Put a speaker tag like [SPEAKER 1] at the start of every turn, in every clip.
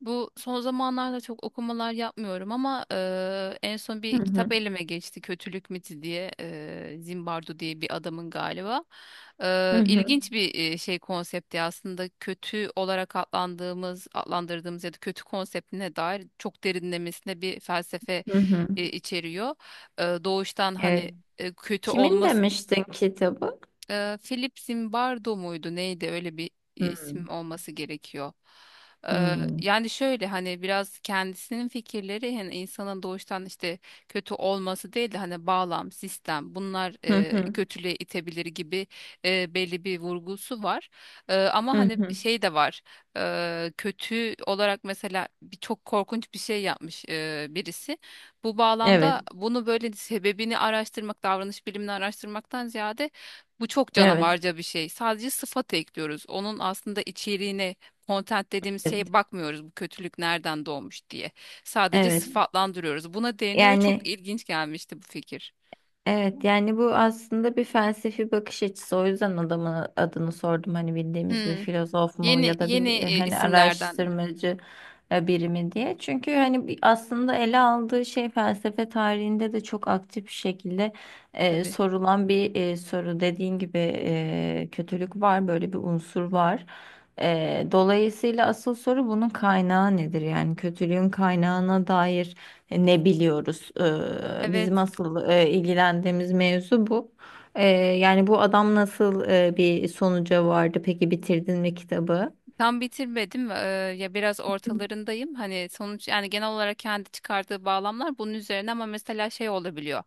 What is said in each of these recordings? [SPEAKER 1] Bu son zamanlarda çok okumalar yapmıyorum ama en son
[SPEAKER 2] Hı
[SPEAKER 1] bir kitap
[SPEAKER 2] hı.
[SPEAKER 1] elime geçti. Kötülük Miti diye Zimbardo diye bir adamın galiba.
[SPEAKER 2] Hı hı.
[SPEAKER 1] İlginç bir şey konsepti, aslında kötü olarak adlandırdığımız ya da kötü konseptine dair çok derinlemesine bir felsefe
[SPEAKER 2] Hı hı.
[SPEAKER 1] içeriyor. Doğuştan
[SPEAKER 2] Evet.
[SPEAKER 1] hani kötü
[SPEAKER 2] Kimin
[SPEAKER 1] olma,
[SPEAKER 2] demiştin kitabı?
[SPEAKER 1] Philip Zimbardo muydu neydi öyle bir
[SPEAKER 2] Hı.
[SPEAKER 1] isim olması gerekiyor. E,
[SPEAKER 2] Hı.
[SPEAKER 1] Yani şöyle, hani biraz kendisinin fikirleri, hani insanın doğuştan işte kötü olması değil de hani bağlam, sistem bunlar
[SPEAKER 2] Hı hı.
[SPEAKER 1] kötülüğe itebilir gibi belli bir vurgusu var. Ama
[SPEAKER 2] Hı
[SPEAKER 1] hani
[SPEAKER 2] hı.
[SPEAKER 1] şey de var. Kötü olarak mesela bir çok korkunç bir şey yapmış birisi. Bu
[SPEAKER 2] Evet.
[SPEAKER 1] bağlamda bunu böyle sebebini araştırmak, davranış bilimini araştırmaktan ziyade bu çok
[SPEAKER 2] Evet.
[SPEAKER 1] canavarca bir şey. Sadece sıfat ekliyoruz. Onun aslında içeriğine, content dediğimiz şeye
[SPEAKER 2] Evet.
[SPEAKER 1] bakmıyoruz. Bu kötülük nereden doğmuş diye. Sadece
[SPEAKER 2] Evet.
[SPEAKER 1] sıfatlandırıyoruz. Buna değine ve çok
[SPEAKER 2] Yani
[SPEAKER 1] ilginç gelmişti bu fikir.
[SPEAKER 2] Evet yani bu aslında bir felsefi bakış açısı. O yüzden adamın adını sordum. Hani bildiğimiz bir
[SPEAKER 1] Hmm.
[SPEAKER 2] filozof mu
[SPEAKER 1] Yeni
[SPEAKER 2] ya da
[SPEAKER 1] yeni
[SPEAKER 2] bir hani
[SPEAKER 1] isimlerden
[SPEAKER 2] araştırmacı biri mi diye. Çünkü hani aslında ele aldığı şey felsefe tarihinde de çok aktif bir şekilde
[SPEAKER 1] tabii.
[SPEAKER 2] sorulan bir soru. Dediğin gibi kötülük var, böyle bir unsur var. Dolayısıyla asıl soru bunun kaynağı nedir? Yani kötülüğün kaynağına dair ne biliyoruz. Bizim
[SPEAKER 1] Evet.
[SPEAKER 2] asıl ilgilendiğimiz mevzu bu. Yani bu adam nasıl bir sonuca vardı? Peki bitirdin mi kitabı?
[SPEAKER 1] Tam bitirmedim. Ya biraz ortalarındayım. Hani sonuç, yani genel olarak kendi çıkardığı bağlamlar bunun üzerine, ama mesela şey olabiliyor.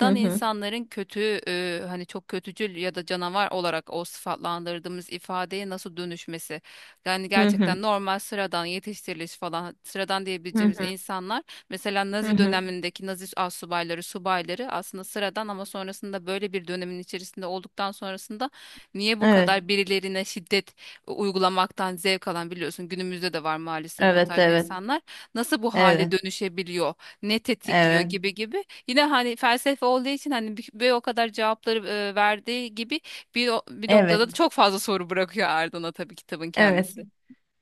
[SPEAKER 2] Hı hı.
[SPEAKER 1] insanların kötü, hani çok kötücül ya da canavar olarak o sıfatlandırdığımız ifadeye nasıl dönüşmesi. Yani
[SPEAKER 2] Hı hı.
[SPEAKER 1] gerçekten normal sıradan yetiştiriliş falan sıradan
[SPEAKER 2] Hı
[SPEAKER 1] diyebileceğimiz
[SPEAKER 2] hı.
[SPEAKER 1] insanlar, mesela
[SPEAKER 2] Hı
[SPEAKER 1] Nazi
[SPEAKER 2] hı.
[SPEAKER 1] dönemindeki Nazi astsubayları, subayları aslında sıradan, ama sonrasında böyle bir dönemin içerisinde olduktan sonrasında niye bu
[SPEAKER 2] Evet.
[SPEAKER 1] kadar birilerine şiddet uygulamaktan zevk alan, biliyorsun günümüzde de var maalesef bu
[SPEAKER 2] Evet,
[SPEAKER 1] tarz
[SPEAKER 2] evet.
[SPEAKER 1] insanlar, nasıl bu hale
[SPEAKER 2] Evet.
[SPEAKER 1] dönüşebiliyor, ne tetikliyor
[SPEAKER 2] Evet.
[SPEAKER 1] gibi gibi, yine hani felsefe olduğu için hani bir o kadar cevapları verdiği gibi bir, bir
[SPEAKER 2] Evet.
[SPEAKER 1] noktada da çok fazla soru bırakıyor ardına tabii kitabın
[SPEAKER 2] Evet.
[SPEAKER 1] kendisi.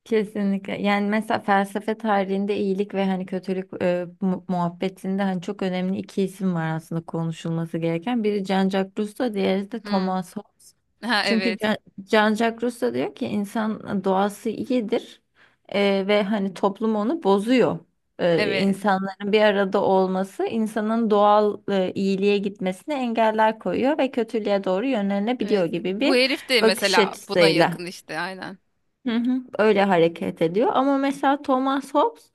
[SPEAKER 2] Kesinlikle. Yani mesela felsefe tarihinde iyilik ve hani kötülük muhabbetinde hani çok önemli iki isim var aslında konuşulması gereken. Biri Jean-Jacques Rousseau, diğeri de
[SPEAKER 1] Hmm.
[SPEAKER 2] Thomas Hobbes.
[SPEAKER 1] Ha
[SPEAKER 2] Çünkü
[SPEAKER 1] evet.
[SPEAKER 2] Jean-Jacques Rousseau diyor ki insan doğası iyidir ve hani toplum onu bozuyor. E,
[SPEAKER 1] Evet.
[SPEAKER 2] insanların bir arada olması insanın doğal iyiliğe gitmesine engeller koyuyor ve kötülüğe doğru yönlenebiliyor
[SPEAKER 1] Evet.
[SPEAKER 2] gibi
[SPEAKER 1] Bu
[SPEAKER 2] bir
[SPEAKER 1] herif de
[SPEAKER 2] bakış
[SPEAKER 1] mesela buna
[SPEAKER 2] açısıyla.
[SPEAKER 1] yakın işte aynen.
[SPEAKER 2] Hı hı, öyle hareket ediyor ama mesela Thomas Hobbes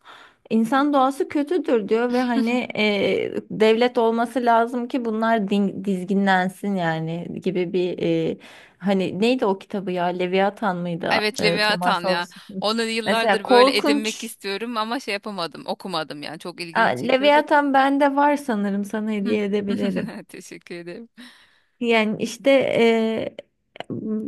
[SPEAKER 2] insan doğası kötüdür diyor ve hani devlet olması lazım ki bunlar dizginlensin yani gibi bir hani neydi o kitabı ya Leviathan mıydı
[SPEAKER 1] Evet, Leviathan
[SPEAKER 2] Thomas
[SPEAKER 1] ya.
[SPEAKER 2] Hobbes'in
[SPEAKER 1] Onu
[SPEAKER 2] mesela
[SPEAKER 1] yıllardır böyle edinmek
[SPEAKER 2] korkunç.
[SPEAKER 1] istiyorum ama şey yapamadım, okumadım yani. Çok
[SPEAKER 2] Aa,
[SPEAKER 1] ilgimi çekiyordu.
[SPEAKER 2] Leviathan bende var sanırım sana
[SPEAKER 1] Hı.
[SPEAKER 2] hediye edebilirim.
[SPEAKER 1] Teşekkür ederim.
[SPEAKER 2] Yani işte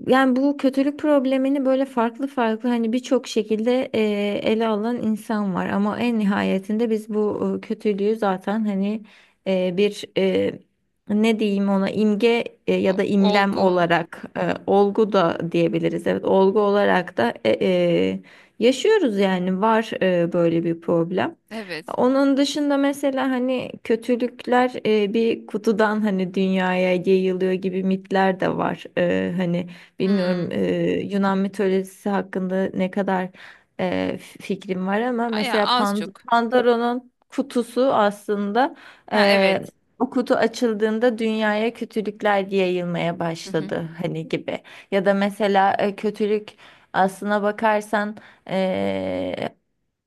[SPEAKER 2] yani bu kötülük problemini böyle farklı farklı hani birçok şekilde ele alan insan var ama en nihayetinde biz bu kötülüğü zaten hani bir ne diyeyim ona imge ya da imlem
[SPEAKER 1] Olgu mu?
[SPEAKER 2] olarak olgu da diyebiliriz. Evet olgu olarak da yaşıyoruz yani var böyle bir problem.
[SPEAKER 1] Evet.
[SPEAKER 2] Onun dışında mesela hani kötülükler bir kutudan hani dünyaya yayılıyor gibi mitler de var. Hani bilmiyorum
[SPEAKER 1] Hmm.
[SPEAKER 2] Yunan mitolojisi hakkında ne kadar fikrim var ama
[SPEAKER 1] Ya
[SPEAKER 2] mesela
[SPEAKER 1] az çok.
[SPEAKER 2] Pandora'nın kutusu aslında
[SPEAKER 1] Ha
[SPEAKER 2] e,
[SPEAKER 1] evet.
[SPEAKER 2] o kutu açıldığında dünyaya kötülükler yayılmaya
[SPEAKER 1] Hı hı.
[SPEAKER 2] başladı hani gibi. Ya da mesela kötülük aslına bakarsan eee,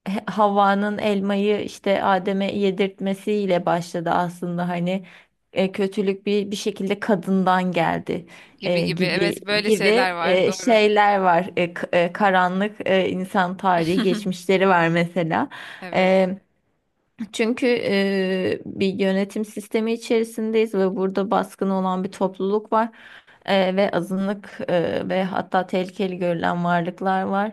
[SPEAKER 2] Havva'nın elmayı işte Adem'e yedirtmesiyle başladı aslında hani kötülük bir şekilde kadından geldi
[SPEAKER 1] Gibi gibi.
[SPEAKER 2] gibi
[SPEAKER 1] Evet, böyle şeyler
[SPEAKER 2] gibi
[SPEAKER 1] var. Doğru.
[SPEAKER 2] şeyler var. Karanlık insan tarihi geçmişleri var mesela.
[SPEAKER 1] Evet.
[SPEAKER 2] E, çünkü bir yönetim sistemi içerisindeyiz ve burada baskın olan bir topluluk var. Ve azınlık, ve hatta tehlikeli görülen varlıklar var.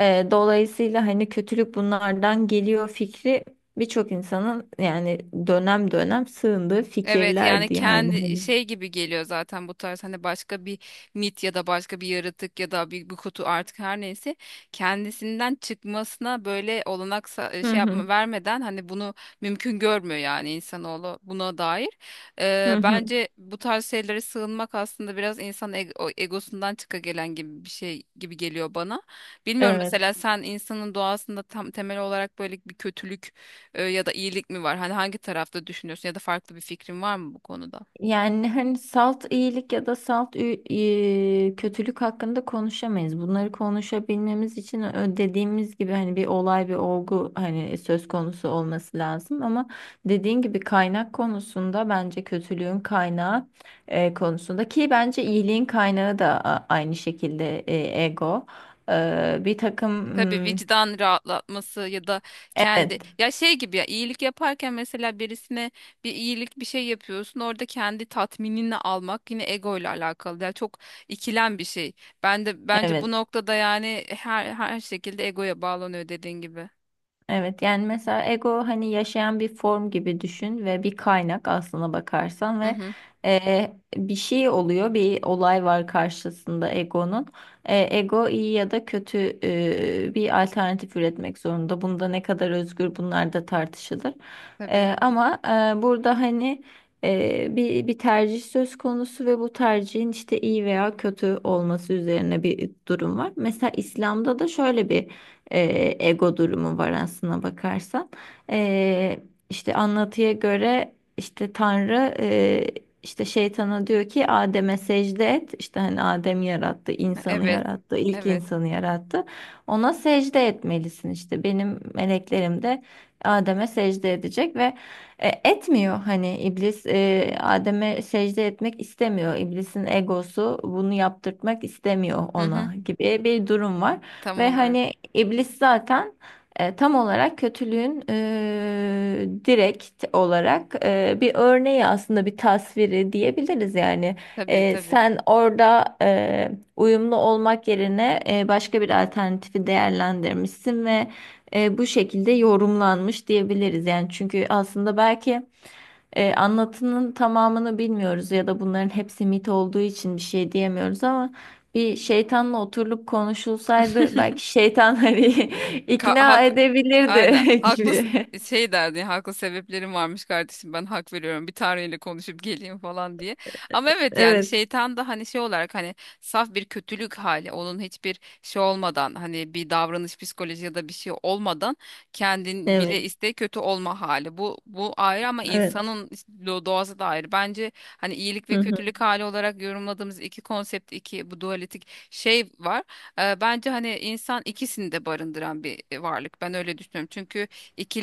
[SPEAKER 2] Dolayısıyla hani kötülük bunlardan geliyor fikri birçok insanın yani dönem dönem sığındığı
[SPEAKER 1] Evet, yani
[SPEAKER 2] fikirlerdi yani
[SPEAKER 1] kendi
[SPEAKER 2] hani.
[SPEAKER 1] şey gibi geliyor zaten bu tarz, hani başka bir mit ya da başka bir yaratık ya da bir, bir kutu artık her neyse, kendisinden çıkmasına böyle olanak
[SPEAKER 2] Hı
[SPEAKER 1] şey yapma
[SPEAKER 2] hı.
[SPEAKER 1] vermeden hani bunu mümkün görmüyor yani insanoğlu buna dair.
[SPEAKER 2] Hı hı.
[SPEAKER 1] Bence bu tarz şeylere sığınmak aslında biraz insan o egosundan çıka gelen gibi bir şey gibi geliyor bana. Bilmiyorum,
[SPEAKER 2] Evet.
[SPEAKER 1] mesela sen insanın doğasında tam temel olarak böyle bir kötülük ya da iyilik mi var? Hani hangi tarafta düşünüyorsun ya da farklı bir fikrin var mı bu konuda?
[SPEAKER 2] Yani hani salt iyilik ya da salt kötülük hakkında konuşamayız. Bunları konuşabilmemiz için dediğimiz gibi hani bir olay bir olgu hani söz konusu olması lazım ama dediğin gibi kaynak konusunda bence kötülüğün kaynağı konusunda ki bence iyiliğin kaynağı da aynı şekilde ego. Bir takım,
[SPEAKER 1] E, tabii vicdan rahatlatması ya da kendi,
[SPEAKER 2] evet.
[SPEAKER 1] ya şey gibi, ya iyilik yaparken mesela birisine bir iyilik bir şey yapıyorsun, orada kendi tatminini almak yine ego ile alakalı. Yani çok ikilem bir şey. Ben de bence bu
[SPEAKER 2] Evet.
[SPEAKER 1] noktada, yani her şekilde egoya bağlanıyor dediğin gibi.
[SPEAKER 2] Evet yani mesela ego hani yaşayan bir form gibi düşün ve bir kaynak aslına bakarsan
[SPEAKER 1] Hı
[SPEAKER 2] ve
[SPEAKER 1] hı.
[SPEAKER 2] bir şey oluyor bir olay var karşısında egonun. Ego iyi ya da kötü bir alternatif üretmek zorunda. Bunda ne kadar özgür bunlar da tartışılır.
[SPEAKER 1] Tabii.
[SPEAKER 2] Ama burada hani bir tercih söz konusu ve bu tercihin işte iyi veya kötü olması üzerine bir durum var. Mesela İslam'da da şöyle bir e, ego durumu var aslına bakarsan. E, işte anlatıya göre işte Tanrı işte şeytana diyor ki Adem'e secde et. İşte hani Adem yarattı, insanı
[SPEAKER 1] Evet.
[SPEAKER 2] yarattı, ilk
[SPEAKER 1] Evet.
[SPEAKER 2] insanı yarattı. Ona secde etmelisin işte. Benim meleklerim de Adem'e secde edecek ve etmiyor hani iblis Adem'e secde etmek istemiyor. İblisin egosu bunu yaptırtmak istemiyor
[SPEAKER 1] Hı hı.
[SPEAKER 2] ona gibi bir durum var.
[SPEAKER 1] Tam
[SPEAKER 2] Ve
[SPEAKER 1] olarak.
[SPEAKER 2] hani iblis zaten tam olarak kötülüğün direkt olarak bir örneği aslında bir tasviri diyebiliriz yani.
[SPEAKER 1] Tabii
[SPEAKER 2] E,
[SPEAKER 1] tabii.
[SPEAKER 2] sen orada uyumlu olmak yerine başka bir alternatifi değerlendirmişsin ve bu şekilde yorumlanmış diyebiliriz yani çünkü aslında belki anlatının tamamını bilmiyoruz ya da bunların hepsi mit olduğu için bir şey diyemiyoruz ama bir şeytanla oturulup konuşulsaydı belki şeytan hani
[SPEAKER 1] Ka
[SPEAKER 2] ikna
[SPEAKER 1] haklı.
[SPEAKER 2] edebilirdi
[SPEAKER 1] Aynen.
[SPEAKER 2] gibi.
[SPEAKER 1] Şey derdi ya, haklı sebeplerim varmış kardeşim, ben hak veriyorum, bir tanrıyla konuşup geleyim falan diye. Ama evet, yani
[SPEAKER 2] Evet,
[SPEAKER 1] şeytan da hani şey olarak, hani saf bir kötülük hali, onun hiçbir şey olmadan, hani bir davranış psikoloji ya da bir şey olmadan kendin
[SPEAKER 2] evet,
[SPEAKER 1] bile iste kötü olma hali. Bu ayrı ama
[SPEAKER 2] evet.
[SPEAKER 1] insanın doğası da ayrı. Bence hani iyilik
[SPEAKER 2] Hı
[SPEAKER 1] ve
[SPEAKER 2] hı,
[SPEAKER 1] kötülük hali olarak yorumladığımız iki konsept, iki bu dualistik şey var. Bence hani insan ikisini de barındıran bir varlık. Ben öyle düşünüyorum. Çünkü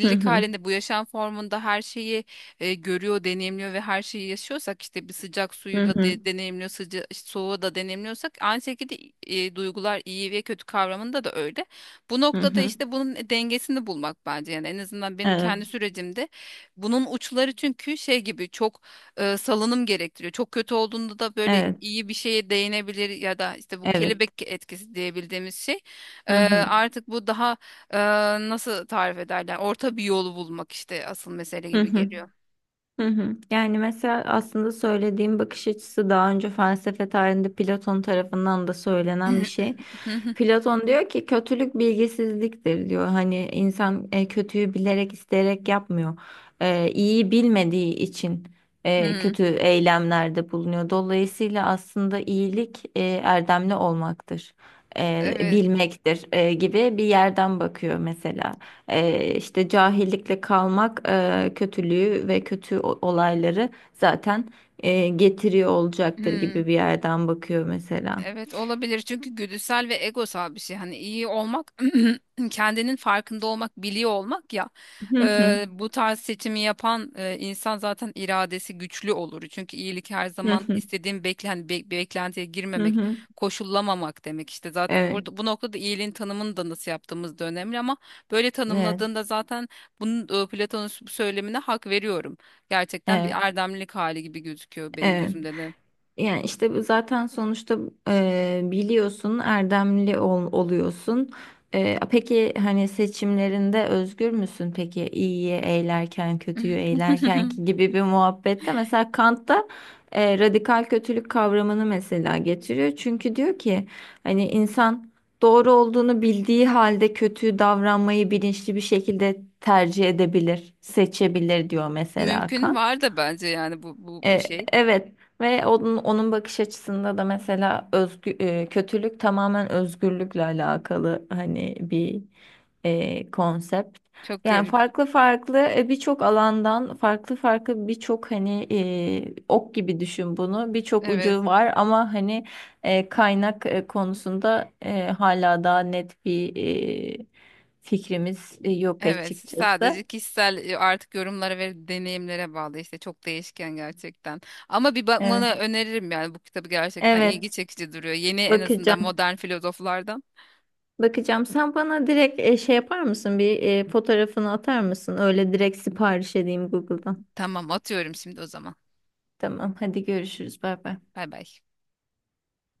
[SPEAKER 2] hı hı,
[SPEAKER 1] halinde bu yaşam formunda her şeyi görüyor, deneyimliyor ve her şeyi yaşıyorsak, işte bir sıcak suyu
[SPEAKER 2] hı
[SPEAKER 1] da
[SPEAKER 2] hı,
[SPEAKER 1] deneyimliyor, işte, soğuğu da deneyimliyorsak aynı şekilde duygular iyi ve kötü kavramında da öyle. Bu
[SPEAKER 2] hı
[SPEAKER 1] noktada
[SPEAKER 2] hı.
[SPEAKER 1] işte bunun dengesini bulmak, bence yani en azından benim
[SPEAKER 2] Evet,
[SPEAKER 1] kendi sürecimde bunun uçları, çünkü şey gibi çok salınım gerektiriyor. Çok kötü olduğunda da böyle
[SPEAKER 2] evet,
[SPEAKER 1] iyi bir şeye değinebilir ya da işte bu
[SPEAKER 2] evet.
[SPEAKER 1] kelebek etkisi diyebildiğimiz şey. E,
[SPEAKER 2] Hı hı,
[SPEAKER 1] artık bu daha e, nasıl tarif ederler? Orta bir yolu bulmak işte asıl mesele
[SPEAKER 2] hı
[SPEAKER 1] gibi
[SPEAKER 2] hı.
[SPEAKER 1] geliyor.
[SPEAKER 2] Hı hı. Yani mesela aslında söylediğim bakış açısı daha önce felsefe tarihinde Platon tarafından da söylenen bir şey. Platon diyor ki kötülük bilgisizliktir diyor. Hani insan kötüyü bilerek isteyerek yapmıyor. E, iyiyi bilmediği için kötü eylemlerde bulunuyor. Dolayısıyla aslında iyilik erdemli olmaktır. E,
[SPEAKER 1] Evet.
[SPEAKER 2] bilmektir gibi bir yerden bakıyor mesela. İşte cahillikle kalmak kötülüğü ve kötü olayları zaten getiriyor olacaktır gibi bir yerden bakıyor mesela.
[SPEAKER 1] Evet olabilir, çünkü güdüsel ve egosal bir şey. Hani iyi olmak, kendinin farkında olmak, biliyor olmak ya.
[SPEAKER 2] Hı hı,
[SPEAKER 1] Bu tarz seçimi yapan insan zaten iradesi güçlü olur. Çünkü iyilik her
[SPEAKER 2] hı
[SPEAKER 1] zaman
[SPEAKER 2] hı,
[SPEAKER 1] istediğin beklen, hani beklentiye
[SPEAKER 2] hı
[SPEAKER 1] girmemek,
[SPEAKER 2] hı.
[SPEAKER 1] koşullamamak demek. İşte zaten
[SPEAKER 2] Evet,
[SPEAKER 1] burada bu noktada iyiliğin tanımını da nasıl yaptığımız da önemli, ama böyle
[SPEAKER 2] evet,
[SPEAKER 1] tanımladığında zaten bunun, Platon'un bu söylemine hak veriyorum. Gerçekten bir
[SPEAKER 2] evet,
[SPEAKER 1] erdemlilik hali gibi gözüküyor benim
[SPEAKER 2] evet.
[SPEAKER 1] gözümde de.
[SPEAKER 2] Yani işte bu zaten sonuçta biliyorsun oluyorsun. Peki hani seçimlerinde özgür müsün? Peki iyiyi eğlerken kötüyü eğlerken ki gibi bir muhabbette mesela Kant'ta radikal kötülük kavramını mesela getiriyor. Çünkü diyor ki hani insan doğru olduğunu bildiği halde kötü davranmayı bilinçli bir şekilde tercih edebilir, seçebilir diyor mesela
[SPEAKER 1] Mümkün
[SPEAKER 2] Kant.
[SPEAKER 1] var da bence, yani bu
[SPEAKER 2] E,
[SPEAKER 1] şey.
[SPEAKER 2] evet ve onun bakış açısında da mesela kötülük tamamen özgürlükle alakalı hani bir konsept.
[SPEAKER 1] Çok
[SPEAKER 2] Yani
[SPEAKER 1] garip.
[SPEAKER 2] farklı farklı birçok alandan farklı farklı birçok hani ok gibi düşün bunu birçok
[SPEAKER 1] Evet.
[SPEAKER 2] ucu var ama hani kaynak konusunda hala daha net bir e, fikrimiz yok
[SPEAKER 1] Evet. Sadece
[SPEAKER 2] açıkçası.
[SPEAKER 1] kişisel, artık yorumlara ve deneyimlere bağlı, işte çok değişken gerçekten. Ama bir
[SPEAKER 2] Evet,
[SPEAKER 1] bakmanı öneririm, yani bu kitabı, gerçekten ilgi
[SPEAKER 2] evet,
[SPEAKER 1] çekici duruyor. Yeni, en azından
[SPEAKER 2] bakacağım.
[SPEAKER 1] modern filozoflardan.
[SPEAKER 2] Bakacağım. Sen bana direkt şey yapar mısın? Bir fotoğrafını atar mısın? Öyle direkt sipariş edeyim Google'dan.
[SPEAKER 1] Tamam, atıyorum şimdi o zaman.
[SPEAKER 2] Tamam, hadi görüşürüz. Bay bay.
[SPEAKER 1] Bay bay.